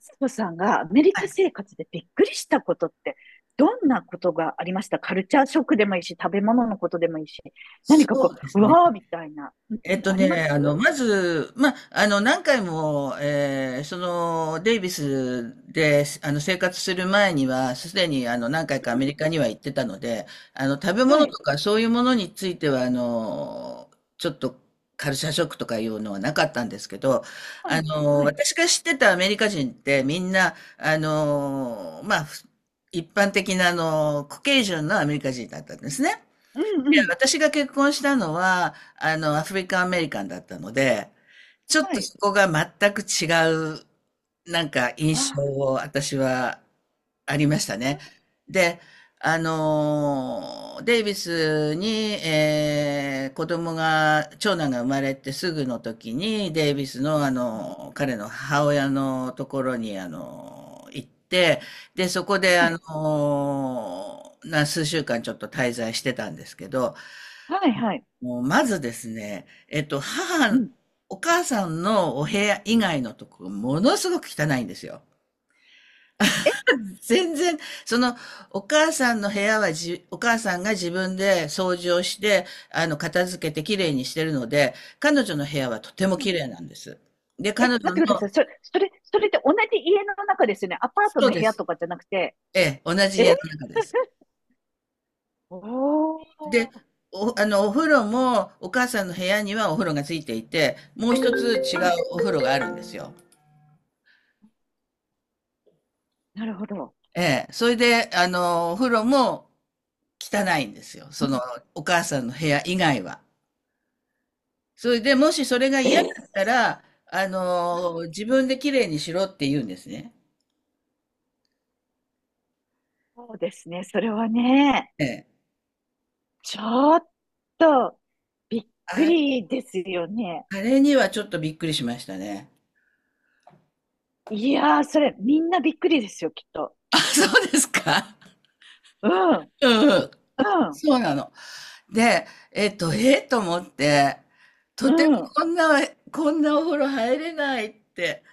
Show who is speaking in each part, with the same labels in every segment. Speaker 1: つ子さんがアメリカ生活でびっくりしたことって、どんなことがありましたカルチャーショックでもいいし、食べ物のことでもいいし、何
Speaker 2: そ
Speaker 1: かこ
Speaker 2: うで
Speaker 1: う、
Speaker 2: す
Speaker 1: う
Speaker 2: ね。
Speaker 1: わーみたいな、うん、ありますうん
Speaker 2: まず、何回も、えーその、デイビスで、生活する前には、すでに、何回かア
Speaker 1: う
Speaker 2: メリ
Speaker 1: ん
Speaker 2: カには行ってたので、食べ
Speaker 1: は
Speaker 2: 物と
Speaker 1: い。
Speaker 2: かそういうものについては、ちょっと、カルチャーショックとかいうのはなかったんですけど、
Speaker 1: うん、はい。
Speaker 2: 私が知ってたアメリカ人って、みんな、まあ、一般的な、コケージュンのアメリカ人だったんですね。
Speaker 1: うん、
Speaker 2: いや、
Speaker 1: うん。
Speaker 2: 私が結婚したのは、アフリカンアメリカンだったので、ちょっ
Speaker 1: は
Speaker 2: と
Speaker 1: い。
Speaker 2: そこが全く違う、なんか印象
Speaker 1: あ
Speaker 2: を私はありました
Speaker 1: ー、
Speaker 2: ね。で、デイビスに、子供が、長男が生まれてすぐの時に、デイビスの、
Speaker 1: うん、
Speaker 2: 彼の母親のところに、行って、で、そこで、
Speaker 1: は
Speaker 2: あ
Speaker 1: い。
Speaker 2: のーな、数週間ちょっと滞在してたんですけど、
Speaker 1: はい、はい。
Speaker 2: もうまずですね、
Speaker 1: うん。
Speaker 2: お母さんのお部屋以外のとこ、ものすごく汚いんですよ。
Speaker 1: え、
Speaker 2: 全然、その、お母さんの部屋はじ、お母さんが自分で掃除をして、片付けてきれいにしてるので、彼女の部屋はとても
Speaker 1: う
Speaker 2: き
Speaker 1: ん、
Speaker 2: れいなんです。で、
Speaker 1: え、
Speaker 2: 彼
Speaker 1: 待
Speaker 2: 女の、
Speaker 1: ってください。それって同じ家の中ですよね。アパート
Speaker 2: そう
Speaker 1: の部
Speaker 2: で
Speaker 1: 屋
Speaker 2: す。
Speaker 1: とかじゃなくて。
Speaker 2: ええ、同じ
Speaker 1: え
Speaker 2: 家の中です。
Speaker 1: お
Speaker 2: で、
Speaker 1: ー。
Speaker 2: お、あの、お風呂も、お母さんの部屋にはお風呂がついていて、もう一つ違う
Speaker 1: はい。
Speaker 2: お風呂があるんですよ。
Speaker 1: なるほど。
Speaker 2: ええ。それで、お風呂も汚いんですよ。
Speaker 1: う
Speaker 2: その、
Speaker 1: ん。
Speaker 2: お母さんの部屋以外は。それで、もしそれが嫌だ
Speaker 1: え
Speaker 2: ったら、
Speaker 1: あー
Speaker 2: 自分で綺麗にしろって言うんですね。
Speaker 1: そうですね。それはね、
Speaker 2: ええ。
Speaker 1: ちょっとびっく
Speaker 2: あ、
Speaker 1: りですよね。
Speaker 2: あれにはちょっとびっくりしましたね。
Speaker 1: いやー、それみんなびっくりですよ、きっと。
Speaker 2: あ、そうですか。
Speaker 1: うん、
Speaker 2: うんうん。
Speaker 1: うん、
Speaker 2: そうなの。で、えっと思って、と
Speaker 1: う
Speaker 2: ても
Speaker 1: ん、
Speaker 2: こんな、こんなお風呂入れないって。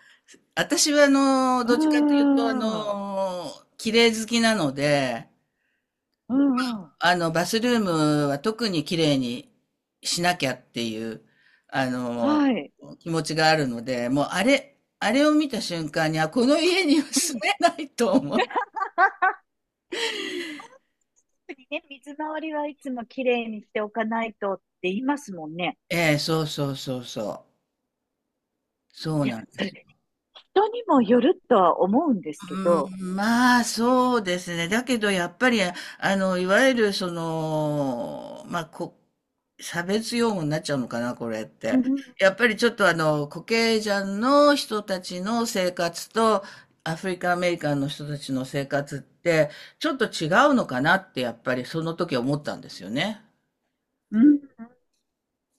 Speaker 2: 私は、
Speaker 1: う
Speaker 2: どっちかというと、
Speaker 1: ん、
Speaker 2: 綺麗好きなので、
Speaker 1: うん、うん。
Speaker 2: バスルームは特に綺麗にしなきゃっていう、あの、
Speaker 1: はい。
Speaker 2: 気持ちがあるので、もう、あれを見た瞬間に、あ、この家には
Speaker 1: う
Speaker 2: 住
Speaker 1: ん。
Speaker 2: めないと思う。
Speaker 1: 特にね、水回りはいつもきれいにしておかないとって言いますもんね。
Speaker 2: ええ、そうそうそうそう。そう
Speaker 1: いや、
Speaker 2: なんで
Speaker 1: そ
Speaker 2: す。
Speaker 1: れ、人にもよるとは思うんですけ
Speaker 2: う
Speaker 1: ど。
Speaker 2: ん、まあ、そうですね。だけど、やっぱり、いわゆる、その、まあ、差別用語になっちゃうのかな、これっ
Speaker 1: う
Speaker 2: て。
Speaker 1: ん、
Speaker 2: やっぱりちょっと、コケジャンの人たちの生活と、アフリカンアメリカンの人たちの生活って、ちょっと違うのかなって、やっぱりその時思ったんですよね。
Speaker 1: うん、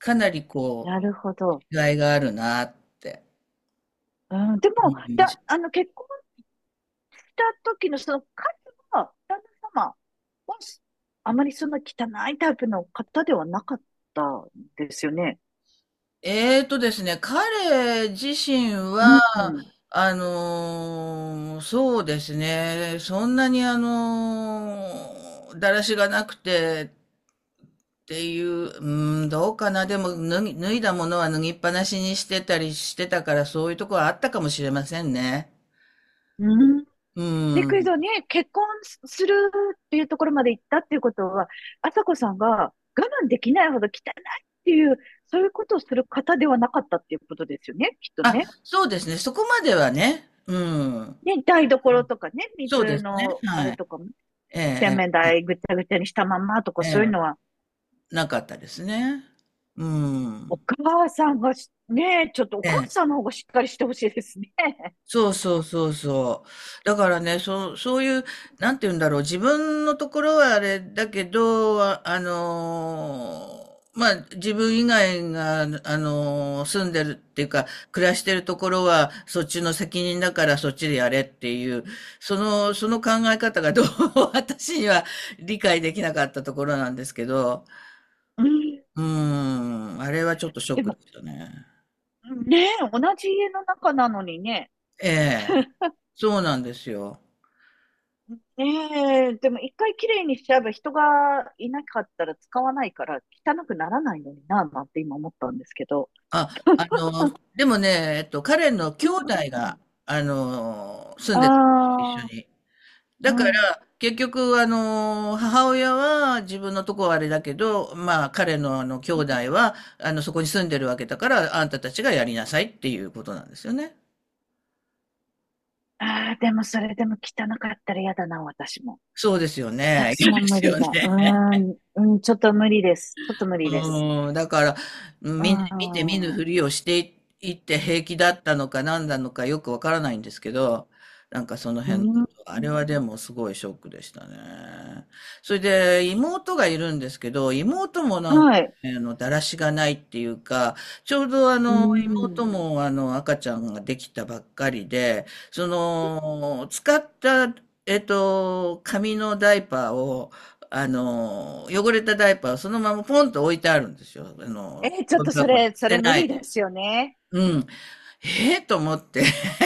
Speaker 2: かなり、こ
Speaker 1: なる
Speaker 2: う、
Speaker 1: ほど。
Speaker 2: 違いがあるなって
Speaker 1: うん、でも、
Speaker 2: 思いました。
Speaker 1: あの、結婚た時のその彼は、旦那様は、あまりそんな汚いタイプの方ではなかったんですよね。
Speaker 2: えーとですね、彼自身
Speaker 1: う
Speaker 2: は、
Speaker 1: んうん
Speaker 2: そうですね、そんなにだらしがなくてっていう、うん、どうかな、でも脱いだものは脱ぎっぱなしにしてたりしてたから、そういうところはあったかもしれませんね。
Speaker 1: うん。
Speaker 2: う
Speaker 1: で、クイ
Speaker 2: ん。
Speaker 1: ズはね、結婚するっていうところまで行ったっていうことは、朝子さんが我慢できないほど汚いっていう、そういうことをする方ではなかったっていうことですよね、きっと
Speaker 2: あ、
Speaker 1: ね。
Speaker 2: そうですね、そこまではね、うん。
Speaker 1: ね、台所とかね、
Speaker 2: そうで
Speaker 1: 水
Speaker 2: すね、
Speaker 1: のあ
Speaker 2: は
Speaker 1: れ
Speaker 2: い。
Speaker 1: とかも、
Speaker 2: え
Speaker 1: 洗面
Speaker 2: え
Speaker 1: 台ぐちゃぐちゃにしたまんまとか
Speaker 2: えええ
Speaker 1: そういう
Speaker 2: え、
Speaker 1: のは
Speaker 2: なかったですね。う
Speaker 1: お
Speaker 2: ん。
Speaker 1: 母さんがし、ねえ、ちょっとお
Speaker 2: え
Speaker 1: 母
Speaker 2: え、
Speaker 1: さんの方がしっかりしてほしいですね。
Speaker 2: そうそうそうそう。だからね、そういう、なんて言うんだろう、自分のところはあれだけど、まあ、自分以外が、住んでるっていうか、暮らしてるところは、そっちの責任だからそっちでやれっていう、その考え方がどうも 私には理解できなかったところなんですけど、
Speaker 1: うん。
Speaker 2: うーん、あれはちょっとショッ
Speaker 1: で
Speaker 2: クで
Speaker 1: も、
Speaker 2: したね。
Speaker 1: ねえ、同じ家の中なのにね。
Speaker 2: ええ、そうなんですよ。
Speaker 1: ねえ、でも一回きれいにしちゃえば人がいなかったら使わないから汚くならないのにな、なんて今思ったんですけど。
Speaker 2: あ、あの、でもね、彼の
Speaker 1: う
Speaker 2: 兄
Speaker 1: ん
Speaker 2: 弟
Speaker 1: う
Speaker 2: が、
Speaker 1: ん。
Speaker 2: 住ん
Speaker 1: あ
Speaker 2: でたんですよ、一緒に。
Speaker 1: あ、う
Speaker 2: だから、
Speaker 1: ん。
Speaker 2: 結局、母親は自分のとこはあれだけど、まあ、彼の兄
Speaker 1: うん
Speaker 2: 弟は、そこに住んでるわけだから、あんたたちがやりなさいっていうことなんですよね。
Speaker 1: ああ、でもそれでも汚かったら嫌だな、私も。
Speaker 2: そうですよね。
Speaker 1: 私
Speaker 2: 嫌で
Speaker 1: も無
Speaker 2: す
Speaker 1: 理
Speaker 2: よ
Speaker 1: だ。う
Speaker 2: ね。
Speaker 1: ーん、うん、ちょっと無理です。ちょっと無理です。
Speaker 2: うん、だから、
Speaker 1: うー
Speaker 2: 見て見ぬ
Speaker 1: ん、
Speaker 2: ふりをしていいって平気だったのか何なのかよくわからないんですけど、なんかその
Speaker 1: う
Speaker 2: 辺のこ
Speaker 1: ん。
Speaker 2: と、あれはでもすごいショックでしたね。それで妹がいるんですけど、妹もなんか、
Speaker 1: はい。
Speaker 2: だらしがないっていうか、ちょうど
Speaker 1: う
Speaker 2: 妹
Speaker 1: ん。
Speaker 2: も赤ちゃんができたばっかりで、その、使った、紙のダイパーを、汚れたダイパーをそのままポンと置いてあるんですよ。
Speaker 1: え、ちょっ
Speaker 2: ゴミ
Speaker 1: とそ
Speaker 2: 箱に
Speaker 1: れ、
Speaker 2: 捨
Speaker 1: そ
Speaker 2: て
Speaker 1: れ無
Speaker 2: ない
Speaker 1: 理で
Speaker 2: で。
Speaker 1: すよね。
Speaker 2: うん。ええと思って。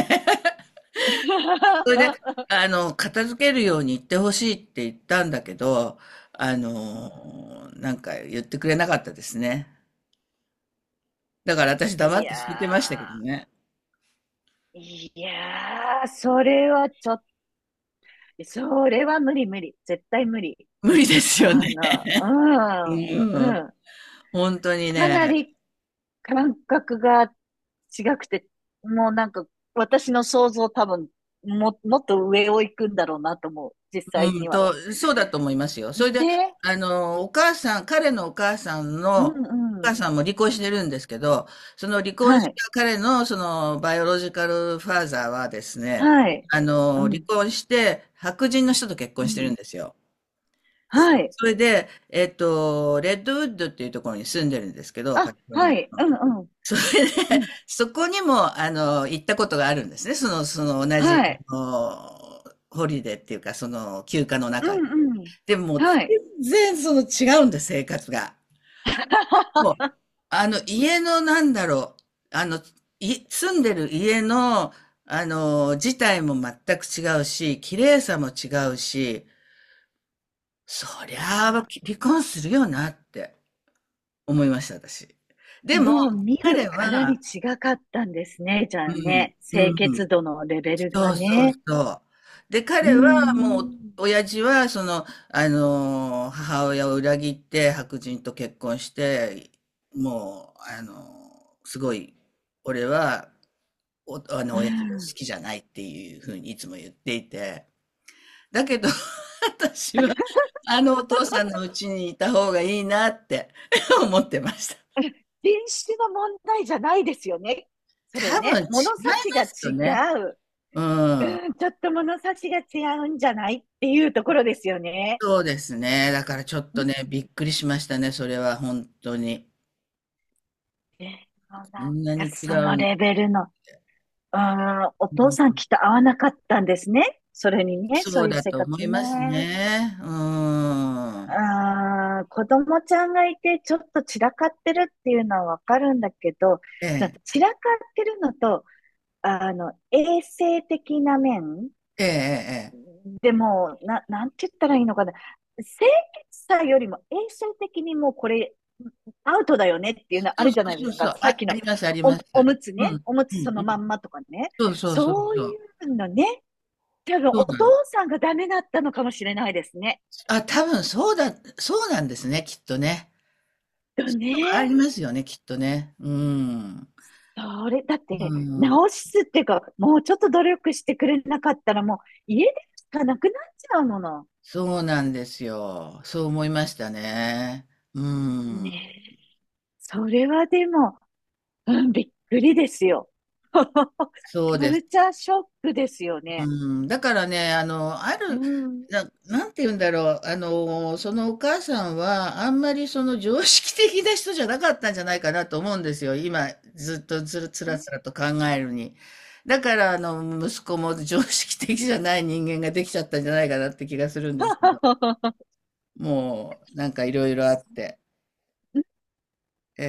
Speaker 2: それで、片付けるように言ってほしいって言ったんだけど、なんか言ってくれなかったですね。だから私黙
Speaker 1: い
Speaker 2: って聞いてました
Speaker 1: や
Speaker 2: けどね。
Speaker 1: ー、いやー、それはちょっと、それは無理無理。絶対無理。
Speaker 2: 無理ですよね。
Speaker 1: あ の、う
Speaker 2: う
Speaker 1: ん、
Speaker 2: ん。
Speaker 1: うん。
Speaker 2: 本当に
Speaker 1: かな
Speaker 2: ね。
Speaker 1: り感覚が違くて、もうなんか私の想像多分、もっと上を行くんだろうなと思う。実際
Speaker 2: う
Speaker 1: に
Speaker 2: ん
Speaker 1: は。
Speaker 2: と、そうだと思いますよ。それで、
Speaker 1: ね。
Speaker 2: お母さん、彼のお母さん
Speaker 1: う
Speaker 2: の、
Speaker 1: ん
Speaker 2: お
Speaker 1: う
Speaker 2: 母
Speaker 1: ん。
Speaker 2: さんも離婚してるんですけど、その離婚し
Speaker 1: はい。
Speaker 2: た彼の、その、バイオロジカルファーザーはですね、
Speaker 1: はい。う
Speaker 2: 離
Speaker 1: ん。
Speaker 2: 婚して、白人の人と結
Speaker 1: う
Speaker 2: 婚して
Speaker 1: ん。
Speaker 2: るんですよ。
Speaker 1: はい。
Speaker 2: それで、レッドウッドっていうところに住んでるんですけど、カ
Speaker 1: あ、
Speaker 2: リフォルニ
Speaker 1: はい。
Speaker 2: ア
Speaker 1: う
Speaker 2: の。
Speaker 1: んうん。
Speaker 2: それ
Speaker 1: う
Speaker 2: で、
Speaker 1: ん。
Speaker 2: そこにも、行ったことがあるんですね。その同じ、
Speaker 1: はい。
Speaker 2: あのホリデーっていうか、その休暇の
Speaker 1: う
Speaker 2: 中で。
Speaker 1: んうん。
Speaker 2: でも、
Speaker 1: はい。
Speaker 2: 全然その違うんだ、生活が。も う、家のなんだろう、住んでる家の、自体も全く違うし、綺麗さも違うし、そり
Speaker 1: あ
Speaker 2: ゃあ、離婚するよなって思いました、私。
Speaker 1: ー
Speaker 2: でも、
Speaker 1: もう見る
Speaker 2: 彼
Speaker 1: からに
Speaker 2: は、
Speaker 1: 違かったんですね、じゃ
Speaker 2: う
Speaker 1: あ
Speaker 2: ん、
Speaker 1: ね。
Speaker 2: う
Speaker 1: 清
Speaker 2: ん。
Speaker 1: 潔度のレベル
Speaker 2: そ
Speaker 1: が
Speaker 2: うそう
Speaker 1: ね。
Speaker 2: そう。で、
Speaker 1: うー
Speaker 2: 彼はもう、
Speaker 1: ん。
Speaker 2: 親父は、その、母親を裏切って白人と結婚して、もう、すごい、俺は、お、あの、
Speaker 1: う
Speaker 2: 親父が好
Speaker 1: ん。
Speaker 2: きじゃないっていうふうにいつも言っていて、だけど 私は、あのお父さんの家にいた方がいいなって 思ってました。
Speaker 1: 品種の問題じゃないですよね。それ
Speaker 2: 多分違
Speaker 1: ね。
Speaker 2: いま
Speaker 1: 物差しが
Speaker 2: すよね。
Speaker 1: 違う。
Speaker 2: うん。
Speaker 1: うん、ちょっと物差しが違うんじゃないっていうところですよね。
Speaker 2: そうですね。だからちょっ
Speaker 1: う
Speaker 2: と
Speaker 1: ん。
Speaker 2: ね、びっくりしましたね、それは本当に。
Speaker 1: でもなん
Speaker 2: こ
Speaker 1: か
Speaker 2: んなに違
Speaker 1: そ
Speaker 2: う
Speaker 1: の
Speaker 2: ん、
Speaker 1: レベルのああ、お
Speaker 2: う
Speaker 1: 父さん
Speaker 2: ん、
Speaker 1: きっと合わなかったんですね。それにね、
Speaker 2: そ
Speaker 1: そう
Speaker 2: う
Speaker 1: いう
Speaker 2: だ
Speaker 1: 生
Speaker 2: と思
Speaker 1: 活
Speaker 2: います
Speaker 1: ね。
Speaker 2: ね。うーん。
Speaker 1: ああ、子供ちゃんがいてちょっと散らかってるっていうのはわかるんだけど、
Speaker 2: え
Speaker 1: その
Speaker 2: え、
Speaker 1: 散らかってるのと、あの、衛生的な面
Speaker 2: ええ、ええ。ええ、
Speaker 1: でもう、なんて言ったらいいのかな。清潔さよりも衛生的にもうこれアウトだよねっていうのあ
Speaker 2: そう
Speaker 1: る
Speaker 2: そ
Speaker 1: じゃな
Speaker 2: う
Speaker 1: い
Speaker 2: そ
Speaker 1: で
Speaker 2: う
Speaker 1: す
Speaker 2: そ
Speaker 1: か。
Speaker 2: う。
Speaker 1: さっ
Speaker 2: あ、
Speaker 1: き
Speaker 2: あ
Speaker 1: の
Speaker 2: ります、あり
Speaker 1: お、
Speaker 2: ます。
Speaker 1: おむつ
Speaker 2: うん、う
Speaker 1: ね。
Speaker 2: ん、
Speaker 1: おむ
Speaker 2: う
Speaker 1: つその
Speaker 2: ん。
Speaker 1: まんまとかね。
Speaker 2: そうそうそう
Speaker 1: そう
Speaker 2: そう。
Speaker 1: いうのね。多分
Speaker 2: そう
Speaker 1: お
Speaker 2: な
Speaker 1: 父
Speaker 2: の。
Speaker 1: さんがダメだったのかもしれないですね。
Speaker 2: あ、多分そうだ、そうなんですね、きっとね。
Speaker 1: だ
Speaker 2: とかあ
Speaker 1: ね。
Speaker 2: りますよね、きっとね。うん。
Speaker 1: それ、だっ
Speaker 2: う
Speaker 1: て、
Speaker 2: ん。
Speaker 1: 直すっていうか、もうちょっと努力してくれなかったら、もう家でしかなくなっちゃうもの。
Speaker 2: そうなんですよ。そう思いましたね。うん。
Speaker 1: ねえ。それはでも、うん、びっくりですよ。
Speaker 2: そう
Speaker 1: カ
Speaker 2: で
Speaker 1: ル
Speaker 2: す。
Speaker 1: チャーショックですよ
Speaker 2: う
Speaker 1: ね。
Speaker 2: ん、だからね、あの、あ
Speaker 1: う
Speaker 2: る、
Speaker 1: ん。
Speaker 2: な、なんて言うんだろう、そのお母さんは、あんまりその常識的な人じゃなかったんじゃないかなと思うんですよ。今、ずっとずる、つらつらと考えるに。だから、息子も常識的じゃない人間ができちゃったんじゃないかなって気がするんですけど、もう、なんかいろいろあ
Speaker 1: そ、
Speaker 2: って。え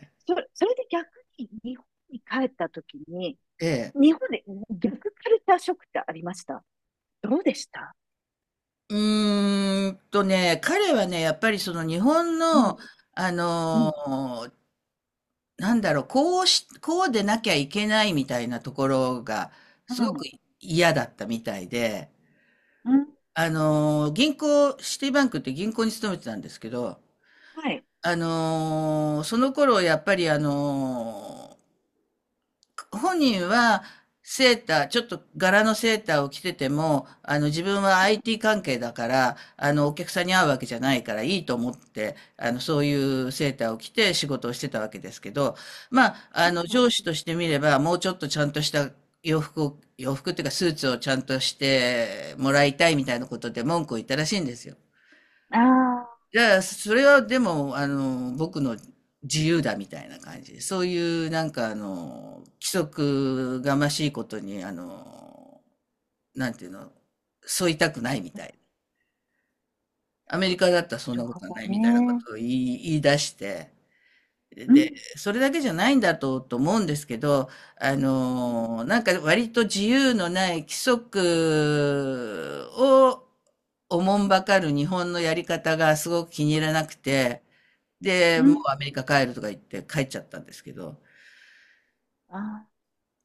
Speaker 2: え、
Speaker 1: それで逆に日本に帰った時に、
Speaker 2: ええ。
Speaker 1: 日本で逆カルチャーショックってありましたどうでした
Speaker 2: う彼はね、やっぱりその日本
Speaker 1: うん。
Speaker 2: の、あ
Speaker 1: う
Speaker 2: の
Speaker 1: ん。
Speaker 2: なんだろう、こうし、こうでなきゃいけないみたいなところが、
Speaker 1: う
Speaker 2: すごく
Speaker 1: ん。
Speaker 2: 嫌だったみたいで、
Speaker 1: うん。
Speaker 2: 銀行、シティバンクって銀行に勤めてたんですけど、
Speaker 1: はい。
Speaker 2: その頃、やっぱり本人はセーター、ちょっと柄のセーターを着てても、あの自分は IT 関係だから、あのお客さんに会うわけじゃないからいいと思って、あのそういうセーターを着て仕事をしてたわけですけど、まあ、
Speaker 1: う
Speaker 2: あ
Speaker 1: ん。
Speaker 2: の上
Speaker 1: う
Speaker 2: 司としてみれば、もうちょっとちゃんとした洋服を、洋服っていうかスーツをちゃんとしてもらいたいみたいなことで文句を言ったらしいんですよ。
Speaker 1: ん、ああ、
Speaker 2: いやいや、それはでも、僕の自由だみたいな感じで、そういう規則がましいことに、あの、なんていうの、沿いたくないみたい。アメリカだったら
Speaker 1: な
Speaker 2: そん
Speaker 1: る
Speaker 2: なこ
Speaker 1: ほ
Speaker 2: とはない
Speaker 1: ど
Speaker 2: みたいなこ
Speaker 1: ね。
Speaker 2: とを言い出して、
Speaker 1: うん。
Speaker 2: で、それだけじゃないんだと、と思うんですけど、
Speaker 1: うん。
Speaker 2: なんか割と自由のない規則をおもんばかる日本のやり方がすごく気に入らなくて、で、
Speaker 1: う
Speaker 2: もう
Speaker 1: ん
Speaker 2: アメリカ帰るとか言って帰っちゃったんですけど、
Speaker 1: ああ、な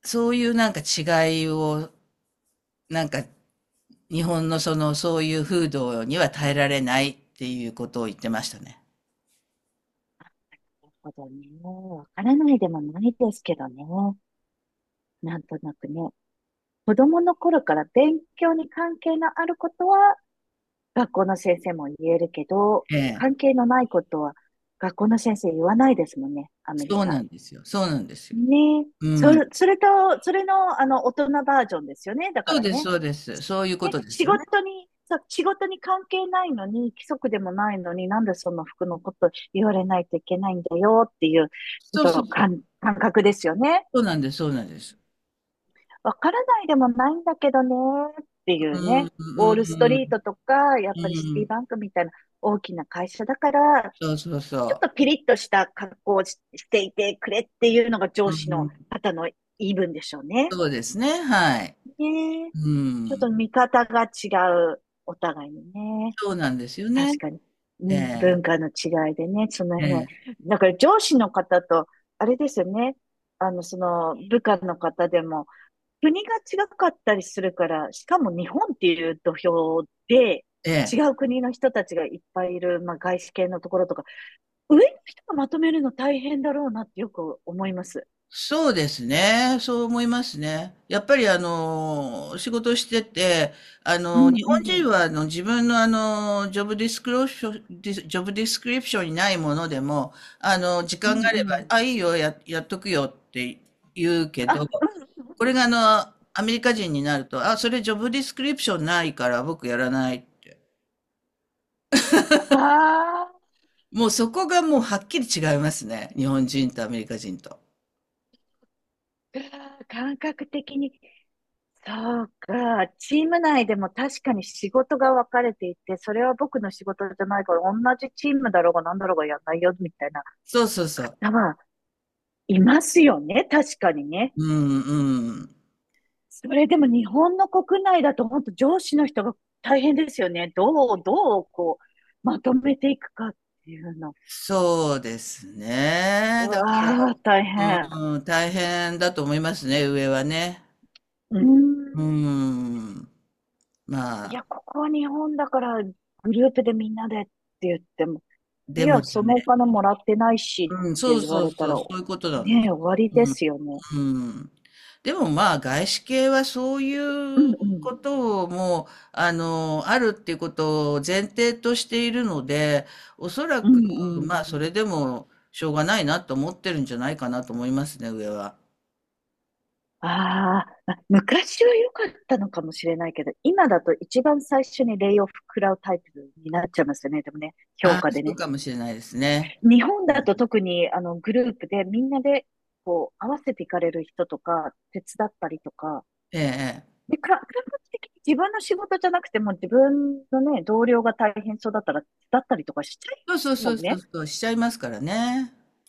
Speaker 2: そういうなんか違いを、なんか日本のその、そういう風土には耐えられないっていうことを言ってましたね。
Speaker 1: るほどね。わからないでもないですけどね。なんとなくね。子供の頃から勉強に関係のあることは学校の先生も言えるけど、
Speaker 2: え
Speaker 1: 関
Speaker 2: え。
Speaker 1: 係のないことは学校の先生言わないですもんね。アメリ
Speaker 2: そう
Speaker 1: カ。
Speaker 2: なんですよ。そうなんですよ。
Speaker 1: ねえ。そ
Speaker 2: うん。
Speaker 1: れ、それと、それの、あの、大人バージョンですよね。だか
Speaker 2: そう
Speaker 1: ら
Speaker 2: です、
Speaker 1: ね。
Speaker 2: そうです。そういうこ
Speaker 1: ね、
Speaker 2: とですよね。
Speaker 1: 仕事に関係ないのに、規則でもないのに、なんでその服のこと言われないといけないんだよっていう、ちょっ
Speaker 2: そうそ
Speaker 1: と
Speaker 2: うそう。
Speaker 1: 感覚ですよね。
Speaker 2: そうなんです、そうなんです。
Speaker 1: わからないでもないんだけどね、ってい
Speaker 2: う
Speaker 1: うね。
Speaker 2: ん、
Speaker 1: ウォ
Speaker 2: う
Speaker 1: ー
Speaker 2: ん、
Speaker 1: ル
Speaker 2: う
Speaker 1: ストリート
Speaker 2: ん。
Speaker 1: とか、やっ
Speaker 2: う
Speaker 1: ぱりシティ
Speaker 2: ん、
Speaker 1: バンクみたいな大きな会社だから、
Speaker 2: そうそう
Speaker 1: ちょっ
Speaker 2: そ
Speaker 1: とピリッとした格好をししていてくれっていうのが
Speaker 2: う。
Speaker 1: 上
Speaker 2: う
Speaker 1: 司の
Speaker 2: ん、
Speaker 1: 方の言い分でしょうね。
Speaker 2: そうですね、はい。
Speaker 1: ねえ、
Speaker 2: う
Speaker 1: ちょっ
Speaker 2: ん、
Speaker 1: と見方が違う、お互いにね。
Speaker 2: そうなんですよね。
Speaker 1: 確かに。う
Speaker 2: え
Speaker 1: ん
Speaker 2: え、
Speaker 1: 文化の違いでね、その
Speaker 2: え
Speaker 1: 辺。
Speaker 2: え、
Speaker 1: だから上司の方と、あれですよね。あの、その部下の方でも、国が違かったりするから、しかも日本っていう土俵で、
Speaker 2: え
Speaker 1: 違
Speaker 2: え。
Speaker 1: う国の人たちがいっぱいいる、まあ、外資系のところとか、上の人がまとめるの大変だろうなってよく思います。
Speaker 2: そうですね、そう思いますね。やっぱりあの、仕事してて、
Speaker 1: う
Speaker 2: 日
Speaker 1: ん
Speaker 2: 本
Speaker 1: う
Speaker 2: 人
Speaker 1: ん。
Speaker 2: は自分のジョブディスクローション、ディスジョブディスクリプションにないものでも、時
Speaker 1: う
Speaker 2: 間があれ
Speaker 1: ん
Speaker 2: ば、
Speaker 1: うん。
Speaker 2: あ、いいよ、やっとくよって言うけ
Speaker 1: あ、
Speaker 2: ど、
Speaker 1: うん。
Speaker 2: これがアメリカ人になると、あ、それジョブディスクリプションないから僕やらないって。
Speaker 1: ああ。
Speaker 2: もうそこがもうはっきり違いますね。日本人とアメリカ人と。
Speaker 1: うわー感覚的に、そうか、チーム内でも確かに仕事が分かれていて、それは僕の仕事じゃないから、同じチームだろうが何だろうがやんないよ、みたいな。
Speaker 2: そうそうそう。
Speaker 1: だわ、いますよね、確かにね。
Speaker 2: うんうん。
Speaker 1: それでも日本の国内だと本当上司の人が大変ですよね。どう、どう、こう、まとめていくかっていうの。
Speaker 2: そうです
Speaker 1: う
Speaker 2: ね。だから、
Speaker 1: わあ、大変。
Speaker 2: うん、大変だと思いますね、上はね。
Speaker 1: うーん。
Speaker 2: うん。ま
Speaker 1: い
Speaker 2: あ、
Speaker 1: や、ここは日本だから、グループでみんなでって言っても、い
Speaker 2: でも
Speaker 1: や、
Speaker 2: ね、
Speaker 1: そのお金もらってないし
Speaker 2: うん、
Speaker 1: っ
Speaker 2: そ
Speaker 1: て
Speaker 2: う
Speaker 1: 言わ
Speaker 2: そう
Speaker 1: れた
Speaker 2: そ
Speaker 1: ら、
Speaker 2: う、そういうことなんで
Speaker 1: ねえ、
Speaker 2: す。
Speaker 1: 終わり
Speaker 2: う
Speaker 1: で
Speaker 2: ん
Speaker 1: すよね。
Speaker 2: うん。でもまあ、外資系はそうい
Speaker 1: うん
Speaker 2: う
Speaker 1: うん。
Speaker 2: ことをもう、あるっていうことを前提としているので、おそら
Speaker 1: う
Speaker 2: く、
Speaker 1: んう
Speaker 2: まあ、そ
Speaker 1: ん。
Speaker 2: れでもしょうがないなと思ってるんじゃないかなと思いますね、上は。
Speaker 1: あーあ、昔は良かったのかもしれないけど、今だと一番最初にレイオフ食らうタイプになっちゃいますよね。でもね、
Speaker 2: あ
Speaker 1: 評価
Speaker 2: あ、そ
Speaker 1: で
Speaker 2: う
Speaker 1: ね。
Speaker 2: かもしれないですね。
Speaker 1: 日本だと特にあのグループでみんなでこう合わせていかれる人とか、手伝ったりとか、
Speaker 2: ええ、ええ、
Speaker 1: で、感覚的に自分の仕事じゃなくても自分のね、同僚が大変そうだったら手伝ったりとかしちゃい
Speaker 2: そうそうそ
Speaker 1: ますも
Speaker 2: う
Speaker 1: ん
Speaker 2: そう
Speaker 1: ね。
Speaker 2: そう、しちゃいますからね。